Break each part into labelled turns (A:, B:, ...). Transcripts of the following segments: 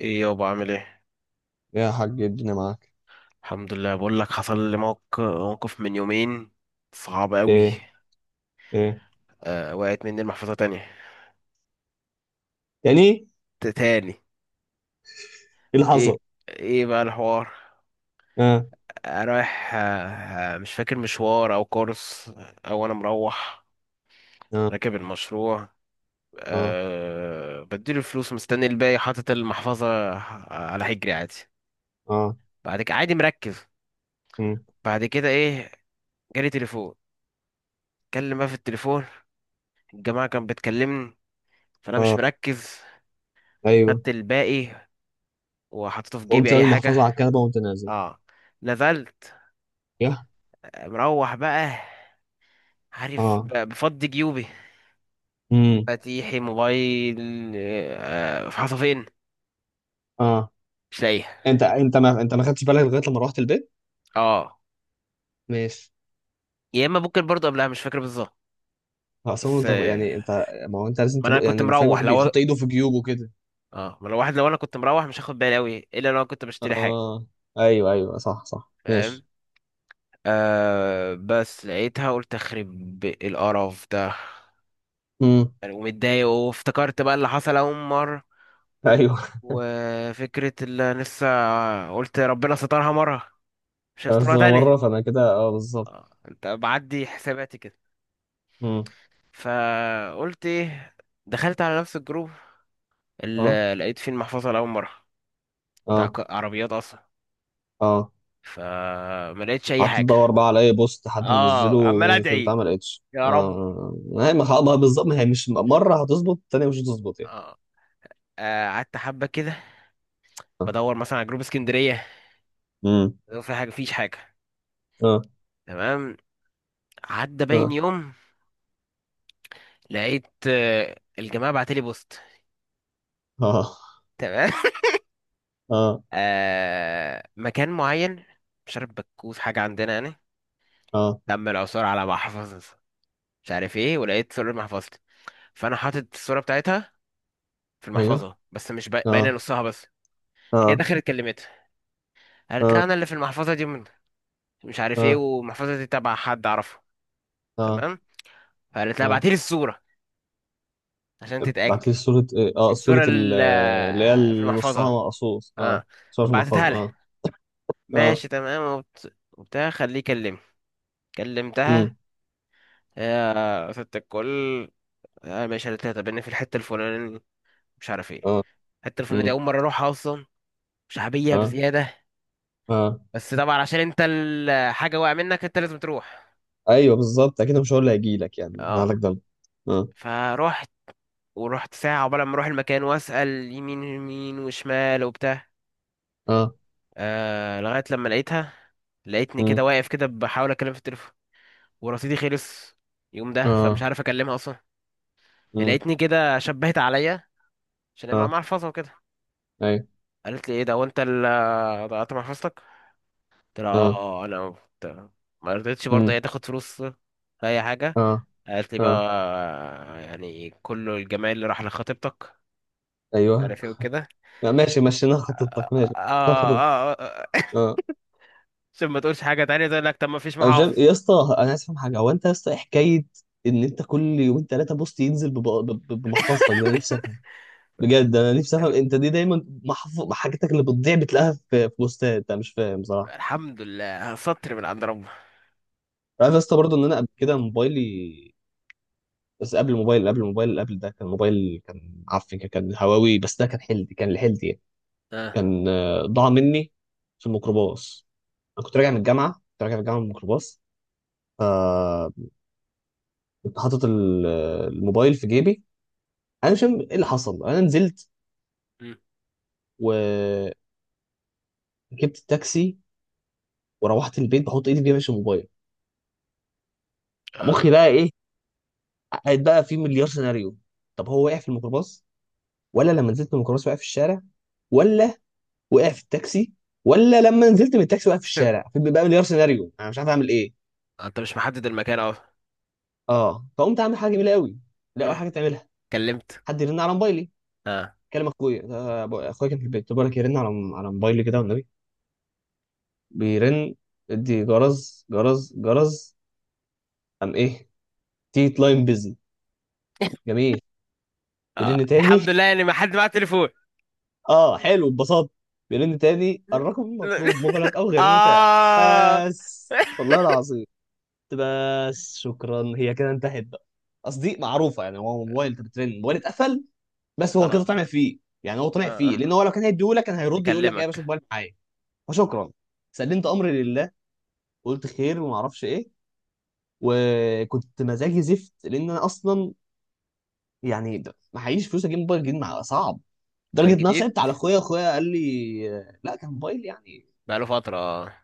A: ايه يابا، عامل ايه؟
B: يا حاج الدنيا معاك.
A: الحمد لله. بقول لك حصل لي موقف من يومين، صعب قوي.
B: ايه. ايه.
A: وقعت مني المحفظه تانية.
B: يعني إيه
A: تاني.
B: اللي حصل؟
A: ايه؟ ايه بقى الحوار؟
B: اه.
A: رايح، مش فاكر مشوار او كورس، او انا مروح،
B: اه.
A: راكب المشروع.
B: اه.
A: بديله الفلوس، مستني الباقي، حاطط المحفظه على حجري عادي.
B: اه.
A: بعد كده عادي، مركز.
B: أمم،
A: بعد كده، ايه، جالي تليفون. اتكلم بقى في التليفون، الجماعه كانت بتكلمني، فانا مش
B: اه.
A: مركز.
B: ايوه.
A: خدت الباقي وحطيته في
B: قمت
A: جيبي
B: سايب
A: اي حاجه.
B: المحفظه على الكنبه وقمت نازل.
A: اه. نزلت،
B: يا
A: مروح بقى. عارف،
B: اه.
A: بفضي جيوبي،
B: امم.
A: مفاتيحي، موبايل. في حصتين.
B: اه.
A: مش لاقيها.
B: انت، ما انت ما خدتش بالك لغايه لما روحت البيت؟
A: اه.
B: ماشي.
A: يا اما ممكن برضو قبلها، مش فاكر بالظبط،
B: اصلا
A: بس.
B: انت يعني انت، ما هو انت لازم
A: ما انا
B: تبقى
A: كنت
B: يعني فاهم.
A: مروح.
B: واحد
A: لو
B: بيحط ايده في جيوبه كده.
A: اه ما لو واحد، لو انا كنت مروح مش هاخد بالي قوي، الا لو أنا كنت بشتري حاجه.
B: اه. ايوه ايوه، صح صح،
A: فاهم.
B: ماشي.
A: بس لقيتها. قلت اخرب القرف ده،
B: امم.
A: يعني، ومتضايق. وافتكرت بقى اللي حصل اول مره،
B: ايوه.
A: وفكرة اللي أنا لسه. قلت ربنا سترها مرة، مش
B: بس
A: هيسترها
B: انا
A: تاني.
B: مره، فانا كده اه بالظبط.
A: اه. انت بعدي حساباتي كده.
B: امم.
A: فقلت، ايه، دخلت على نفس الجروب
B: اه.
A: اللي لقيت فيه المحفظة لأول مرة، بتاع
B: اه.
A: عربيات أصلا.
B: اه.
A: فما لقيتش أي
B: قعدت
A: حاجة.
B: ادور بقى على اي بوست حد منزله
A: اه، عمال
B: في البتاع،
A: أدعي،
B: ما لقيتش.
A: يا رب.
B: اه، ما هي ما خ- ما بالظبط ما هي مش مره هتظبط، التانيه مش هتظبط يعني.
A: اه. قعدت حبة كده
B: اه.
A: بدور مثلا على جروب اسكندرية،
B: امم.
A: لو في حاجة. فيش حاجة.
B: اه.
A: تمام. عدى باين
B: اه.
A: يوم، لقيت الجماعة بعتلي بوست.
B: اه.
A: تمام.
B: اه.
A: مكان معين، مش عارف، بكوز حاجة عندنا يعني،
B: اه.
A: دم العثور على محفظة، مش عارف ايه. ولقيت صورة محفظتي، فأنا حاطط الصورة بتاعتها في
B: ايوه.
A: المحفظة، بس مش باينة
B: اه.
A: نصها بس. هي
B: اه.
A: دخلت كلمتها، قالت
B: اه.
A: لها أنا اللي في المحفظة دي من، مش عارف ايه،
B: اه.
A: والمحفظة دي تبع حد أعرفه.
B: اه.
A: تمام. فقالت لها
B: اه.
A: ابعتيلي الصورة عشان
B: بعت لي
A: تتأكد،
B: صوره ايه؟ اه، صوره
A: الصورة اللي
B: اللي هي
A: في
B: اللي نصها
A: المحفظة.
B: مقصوص، اه.
A: اه.
B: صوره في
A: بعتتها
B: المحفظه،
A: لها.
B: اه. اه.
A: ماشي، تمام، وبتاع خليه يكلمني. كلمتها،
B: امم.
A: يا ست الكل، انا ماشي على تلاتة، بان في الحتة الفلانية، مش عارف ايه،
B: اه.
A: الحتة الفلانية دي
B: امم.
A: اول مرة اروحها اصلا، شعبية
B: اه.
A: بزيادة.
B: اه.
A: بس طبعا عشان انت الحاجة واقع منك، انت لازم تروح.
B: ايوه بالظبط، اكيد مش هقول اللي هيجي لك يعني انا لك
A: اه.
B: ده. اه.
A: فروحت. ورحت ساعة عقبال ما اروح المكان، واسأل يمين يمين وشمال وبتاع.
B: اه.
A: لغاية لما لقيتها. لقيتني كده
B: امم.
A: واقف كده بحاول اتكلم في التليفون ورصيدي خلص يوم ده، فمش
B: اه.
A: عارف اكلمها اصلا.
B: امم.
A: لقيتني كده شبهت عليا، عشان هي مع
B: اه.
A: محفظة وكده.
B: ايوه.
A: قالت لي، ايه ده، هو انت اللي ضيعت محفظتك؟ قلت لها، اه،
B: اه.
A: انا قلت- ما رضيتش برضه هي
B: امم.
A: تاخد فلوس، لا، اي حاجه.
B: اه.
A: قالت لي بقى،
B: اه.
A: يعني كل الجمال اللي راح لخطيبتك،
B: ايوه.
A: عارف ايه وكده.
B: لا، ماشي، مشينا
A: اه،
B: خطتك. ماشي، مشينا خطتك.
A: اه، آه، آه.
B: اه.
A: عشان ما تقولش حاجه تانية، تقول لك طب ما فيش
B: أنا مش فاهم-
A: محافظ.
B: يا اسطى انا عايز افهم حاجه، هو انت يا اسطى إيه حكايه ان انت كل يومين ثلاثه بوست ينزل بمحفظتك؟ ده انا نفسي افهم، بجد انا نفسي افهم.
A: أنا-
B: انت دي دايما حاجتك اللي بتضيع بتلاقيها في بوستات، انا مش فاهم صراحه.
A: الحمد لله سطر من عند ربنا.
B: عارف يا اسطى برضه ان انا قبل كده موبايلي، بس قبل الموبايل، قبل الموبايل اللي قبل ده، كان موبايل كان عفن، كان هواوي. بس ده كان حلدي، كان لحلدي يعني.
A: اه.
B: كان ضاع مني في الميكروباص. انا كنت راجع من الجامعه، كنت راجع من الجامعه من الميكروباص. فكنت حاطط الموبايل في جيبي. انا مش فاهم ايه اللي حصل. انا نزلت
A: مم.
B: وركبت التاكسي وروحت البيت، بحط ايدي في جيبي عشان الموبايل. مخي
A: اه.
B: بقى ايه، قاعد بقى في مليار سيناريو. طب هو وقع في الميكروباص، ولا لما نزلت من الميكروباص وقع في الشارع، ولا وقع في التاكسي، ولا لما نزلت من التاكسي وقع في الشارع؟ في بقى مليار سيناريو، انا مش عارف اعمل ايه.
A: انت مش محدد المكان اهو.
B: اه. فقمت اعمل حاجه جميله قوي. لا، اول
A: مم.
B: حاجه تعملها،
A: كلمت.
B: حد يرن على موبايلي.
A: اه.
B: كلم اخويا، ده اخويا كان في البيت، بقول لك يرن على على موبايلي كده والنبي. بيرن، ادي جرز جرز جرز. قام ايه؟ تيت لاين بيزي. جميل.
A: اه.
B: بيرن تاني.
A: الحمد لله يعني، ما حد معاه تليفون.
B: اه حلو، اتبسطت. بيرن تاني، الرقم المطلوب مغلق او غير متاح،
A: اه.
B: بس والله العظيم. قلت بس شكرا، هي كده انتهت بقى. قصدي معروفه يعني، هو موبايل انت بترن موبايل اتقفل. بس هو كده
A: خلاص.
B: طمع فيه يعني، هو طمع
A: اه.
B: فيه، لان
A: اه.
B: هو لو كان هيديهولك كان هيرد يقول لك يا باشا
A: اكلمك.
B: موبايل معايا. فشكرا، سلمت امري لله، قلت خير وما اعرفش ايه. وكنت مزاجي زفت، لان انا اصلا يعني معيش فلوس اجيب موبايل جديد، مع صعب. لدرجه
A: كان
B: ان انا
A: جديد؟
B: صعبت على اخويا، اخويا قال لي، لا كان موبايل يعني
A: بقاله فترة اه.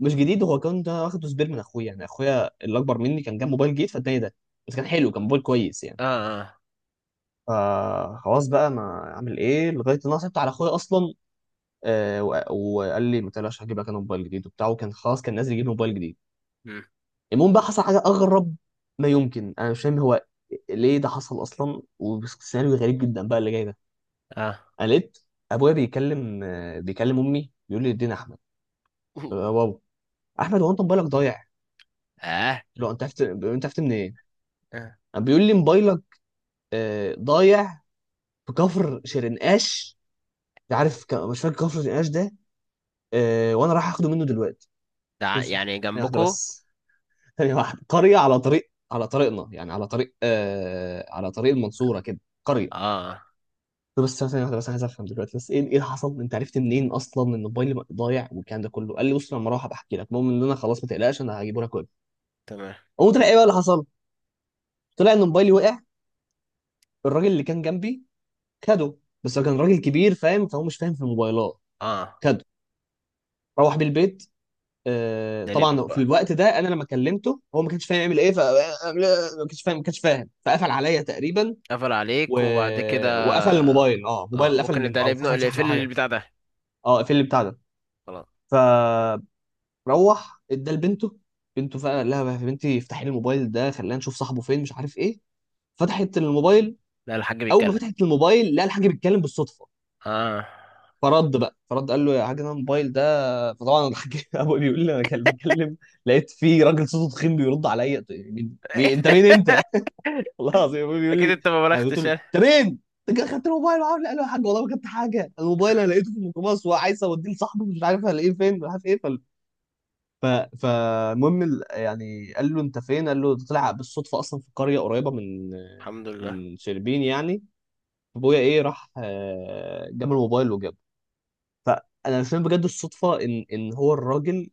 B: مش جديد، هو كان ده واخده سبير من اخويا، يعني اخويا اللي اكبر مني كان جاب موبايل جديد فاداني ده. بس كان حلو، كان موبايل كويس يعني.
A: اه. اه.
B: فخلاص بقى، ما اعمل ايه؟ لغايه ان انا صعبت على اخويا اصلا. آه، و- وقال لي ما تقلقش، هجيب لك انا موبايل جديد وبتاع، وكان خلاص كان نازل يجيب موبايل جديد.
A: مم.
B: المهم بقى، حصل حاجه اغرب، ما يمكن انا مش فاهم هو ليه ده حصل اصلا. وسيناريو غريب جدا بقى اللي جاي ده.
A: اه.
B: انا لقيت ابويا بيكلم، بيكلم امي، بيقول لي ادينا احمد. واو، احمد هو انت موبايلك ضايع؟
A: اه.
B: لو انت عرفت، انت عرفت منين؟
A: آه.
B: قام بيقول لي موبايلك ضايع في كفر شرنقاش. مش عارف مش فاكر كفر شرنقاش ده. وانا رايح اخده منه دلوقتي.
A: ده
B: بص،
A: يعني
B: ثانيه واحده
A: جنبكو.
B: بس. ثانيه واحده، قريه على طريق، على طريقنا يعني، على طريق على طريق المنصوره كده، قريه.
A: اه.
B: طب بس ثانية واحدة بس، عايز أفهم دلوقتي بس إيه اللي حصل؟ أنت عرفت منين أصلا إن موبايلي ضايع والكلام ده كله؟ قال لي بص لما أروح بحكي لك، المهم إن أنا خلاص ما تقلقش، أنا هجيبه لك كله.
A: تمام.
B: قوم طلع إيه بقى اللي حصل؟ طلع إن موبايلي وقع، الراجل اللي كان جنبي خده. بس هو كان راجل كبير فاهم، فهو مش فاهم في الموبايلات.
A: اه.
B: خده روح بيه البيت. آه
A: ده لابنه
B: طبعا في
A: بقى.
B: الوقت ده انا لما كلمته هو ما كانش فاهم يعمل ايه، ما كانش فاهم، ما كانش فاهم فقفل عليا تقريبا.
A: قفل عليك
B: و...
A: وبعد كده.
B: وقفل الموبايل، اه، موبايل
A: اه،
B: قفل
A: ممكن، ده
B: منه او
A: لابنه
B: فصل
A: اللي
B: شحن
A: يقفل
B: او
A: لي
B: حاجه.
A: البتاع ده.
B: اه قفل لي بتاع ده.
A: خلاص.
B: ف روح ادى لبنته. بنته فعلا، قال لها يا بنتي افتحي لي الموبايل ده خلينا نشوف صاحبه فين مش عارف ايه. فتحت الموبايل،
A: لا، الحاج
B: اول ما
A: بيتكلم.
B: فتحت الموبايل لقى الحاج بيتكلم بالصدفه.
A: اه،
B: فرد بقى قال له يا حاج انا الموبايل ده، فطبعا الحاج ابوي بيقول لي انا كان بتكلم. لقيت في راجل صوته تخين بيرد عليا، قلت له، مين انت؟ مين انت؟ والله العظيم ابوي بيقول
A: اكيد.
B: لي،
A: انت ما
B: انا قلت
A: بلغتش،
B: له
A: اه.
B: انت مين؟ انت كده خدت الموبايل معاه؟ قال له يا حاج والله ما كنت حاجه الموبايل، انا لقيته في الميكروباص وعايز اوديه لصاحبه، مش عارف هلاقيه فين مش عارف ايه. ف... فالمهم يعني قال له انت فين؟ قال له ده طلع بالصدفه اصلا في قريه قريبه من
A: الحمد لله.
B: من شربين يعني. ابويا ايه راح جاب الموبايل وجابه. فانا مش فاهم بجد الصدفه، ان هو الراجل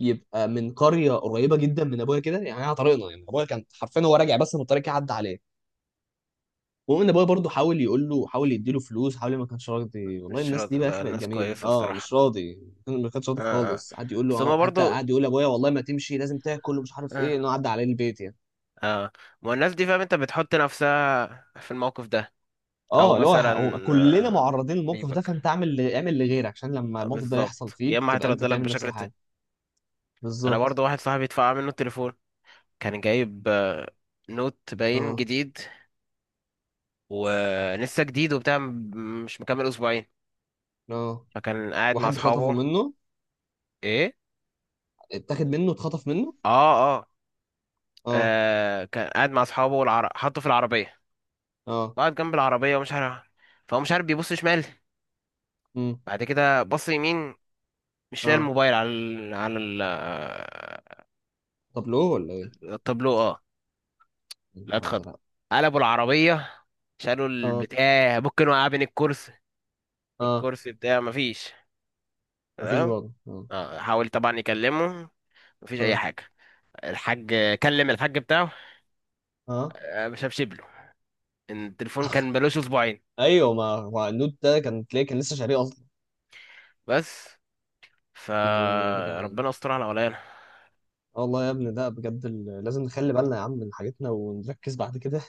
B: يبقى من قريه قريبه جدا من ابويا كده، يعني على طريقنا يعني. ابويا كان حرفيا هو راجع بس، من الطريق عدى عليه. المهم ان ابويا برضه حاول يقول له، حاول يديله فلوس، حاول ما كانش راضي. والله
A: مش
B: الناس دي
A: راضي؟
B: بقى
A: لا،
B: اخي بقت
A: الناس
B: جميله،
A: كويسة
B: اه
A: الصراحة.
B: مش راضي. ما كانش راضي
A: اه. اه.
B: خالص، قعد يقول له
A: بس هما
B: حتى
A: برضو.
B: قعد يقول لابويا والله ما تمشي لازم تاكل ومش عارف ايه،
A: اه.
B: انه عدى عليه البيت يعني.
A: اه. ما هو الناس دي، فاهم انت، بتحط نفسها في الموقف ده. او
B: اه، اللي هو
A: مثلا
B: هو كلنا
A: آه،
B: معرضين للموقف ده، فانت
A: سيبك،
B: اعمل اعمل لغيرك عشان لما الموقف ده يحصل
A: بالظبط، يا
B: فيك
A: اما
B: تبقى انت
A: هيترد لك
B: تعمل نفس
A: بشكل ت...
B: الحاجه.
A: انا
B: بالظبط.
A: برضو، واحد صاحبي اتفقع منه التليفون. كان جايب نوت باين
B: اه.
A: جديد، ولسه جديد وبتاع، مش مكمل اسبوعين.
B: اه.
A: فكان قاعد مع
B: واحد خطفه
A: اصحابه.
B: منه.
A: ايه؟
B: اتاخد منه، اتخطف منه.
A: اه. اه.
B: اه.
A: كان قاعد مع اصحابه، حطه في العربيه.
B: اه.
A: قعد جنب العربيه ومش عارف، فهو مش عارف، بيبص شمال،
B: امم.
A: بعد كده بص يمين، مش لاقي
B: اه.
A: الموبايل على ال... على ال... آه،
B: طب لو ولا ايه؟
A: التابلو. اه.
B: يا
A: لا،
B: نهار
A: اتخض.
B: ازرق.
A: قلبوا العربيه، شالوا
B: اه.
A: البتاع، ممكن وقع بين الكرسي.
B: اه.
A: الكرسي بتاعه مفيش.
B: مفيش
A: تمام.
B: برضه اه.
A: اه. حاول طبعا يكلمه، مفيش اي
B: آه.
A: حاجه. الحاج، كلم الحاج بتاعه،
B: اه.
A: ما شافش له، إن التليفون كان بلوش اسبوعين.
B: ايوه، ما هو النوت ده كان تلاقيه كان لسه شاريه اصلا.
A: بس
B: دين امي يا جدعان.
A: فربنا استر على ولايانا.
B: آه والله يا ابني ده بجد لازم نخلي بالنا يا عم من حاجتنا ونركز بعد كده،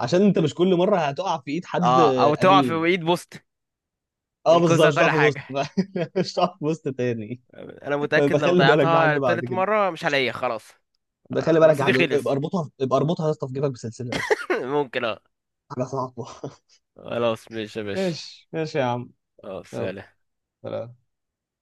B: عشان انت مش كل مره هتقع في ايد حد.
A: اه. او تقع في
B: امين.
A: ايد بوست
B: اه بالظبط،
A: ينقذها
B: مش هتقع
A: كل
B: في بوست.
A: حاجه.
B: مش هتقع في بوست تاني.
A: انا متاكد لو
B: بخلي بالك يا حاج
A: ضيعتها
B: بعد
A: تالت
B: كده،
A: مره مش هلاقيها خلاص.
B: بخلي بالك يا
A: رصيدي
B: حاج، ابقى
A: خلص.
B: اربطها، ابقى اربطها يا اسطى في جيبك بسلسله يا اسطى.
A: ممكن، اه.
B: حاجه صعبه.
A: خلاص ماشي يا باشا.
B: ماشي ماشي يا عم.
A: اه،
B: يلا،
A: سلام.
B: سلام.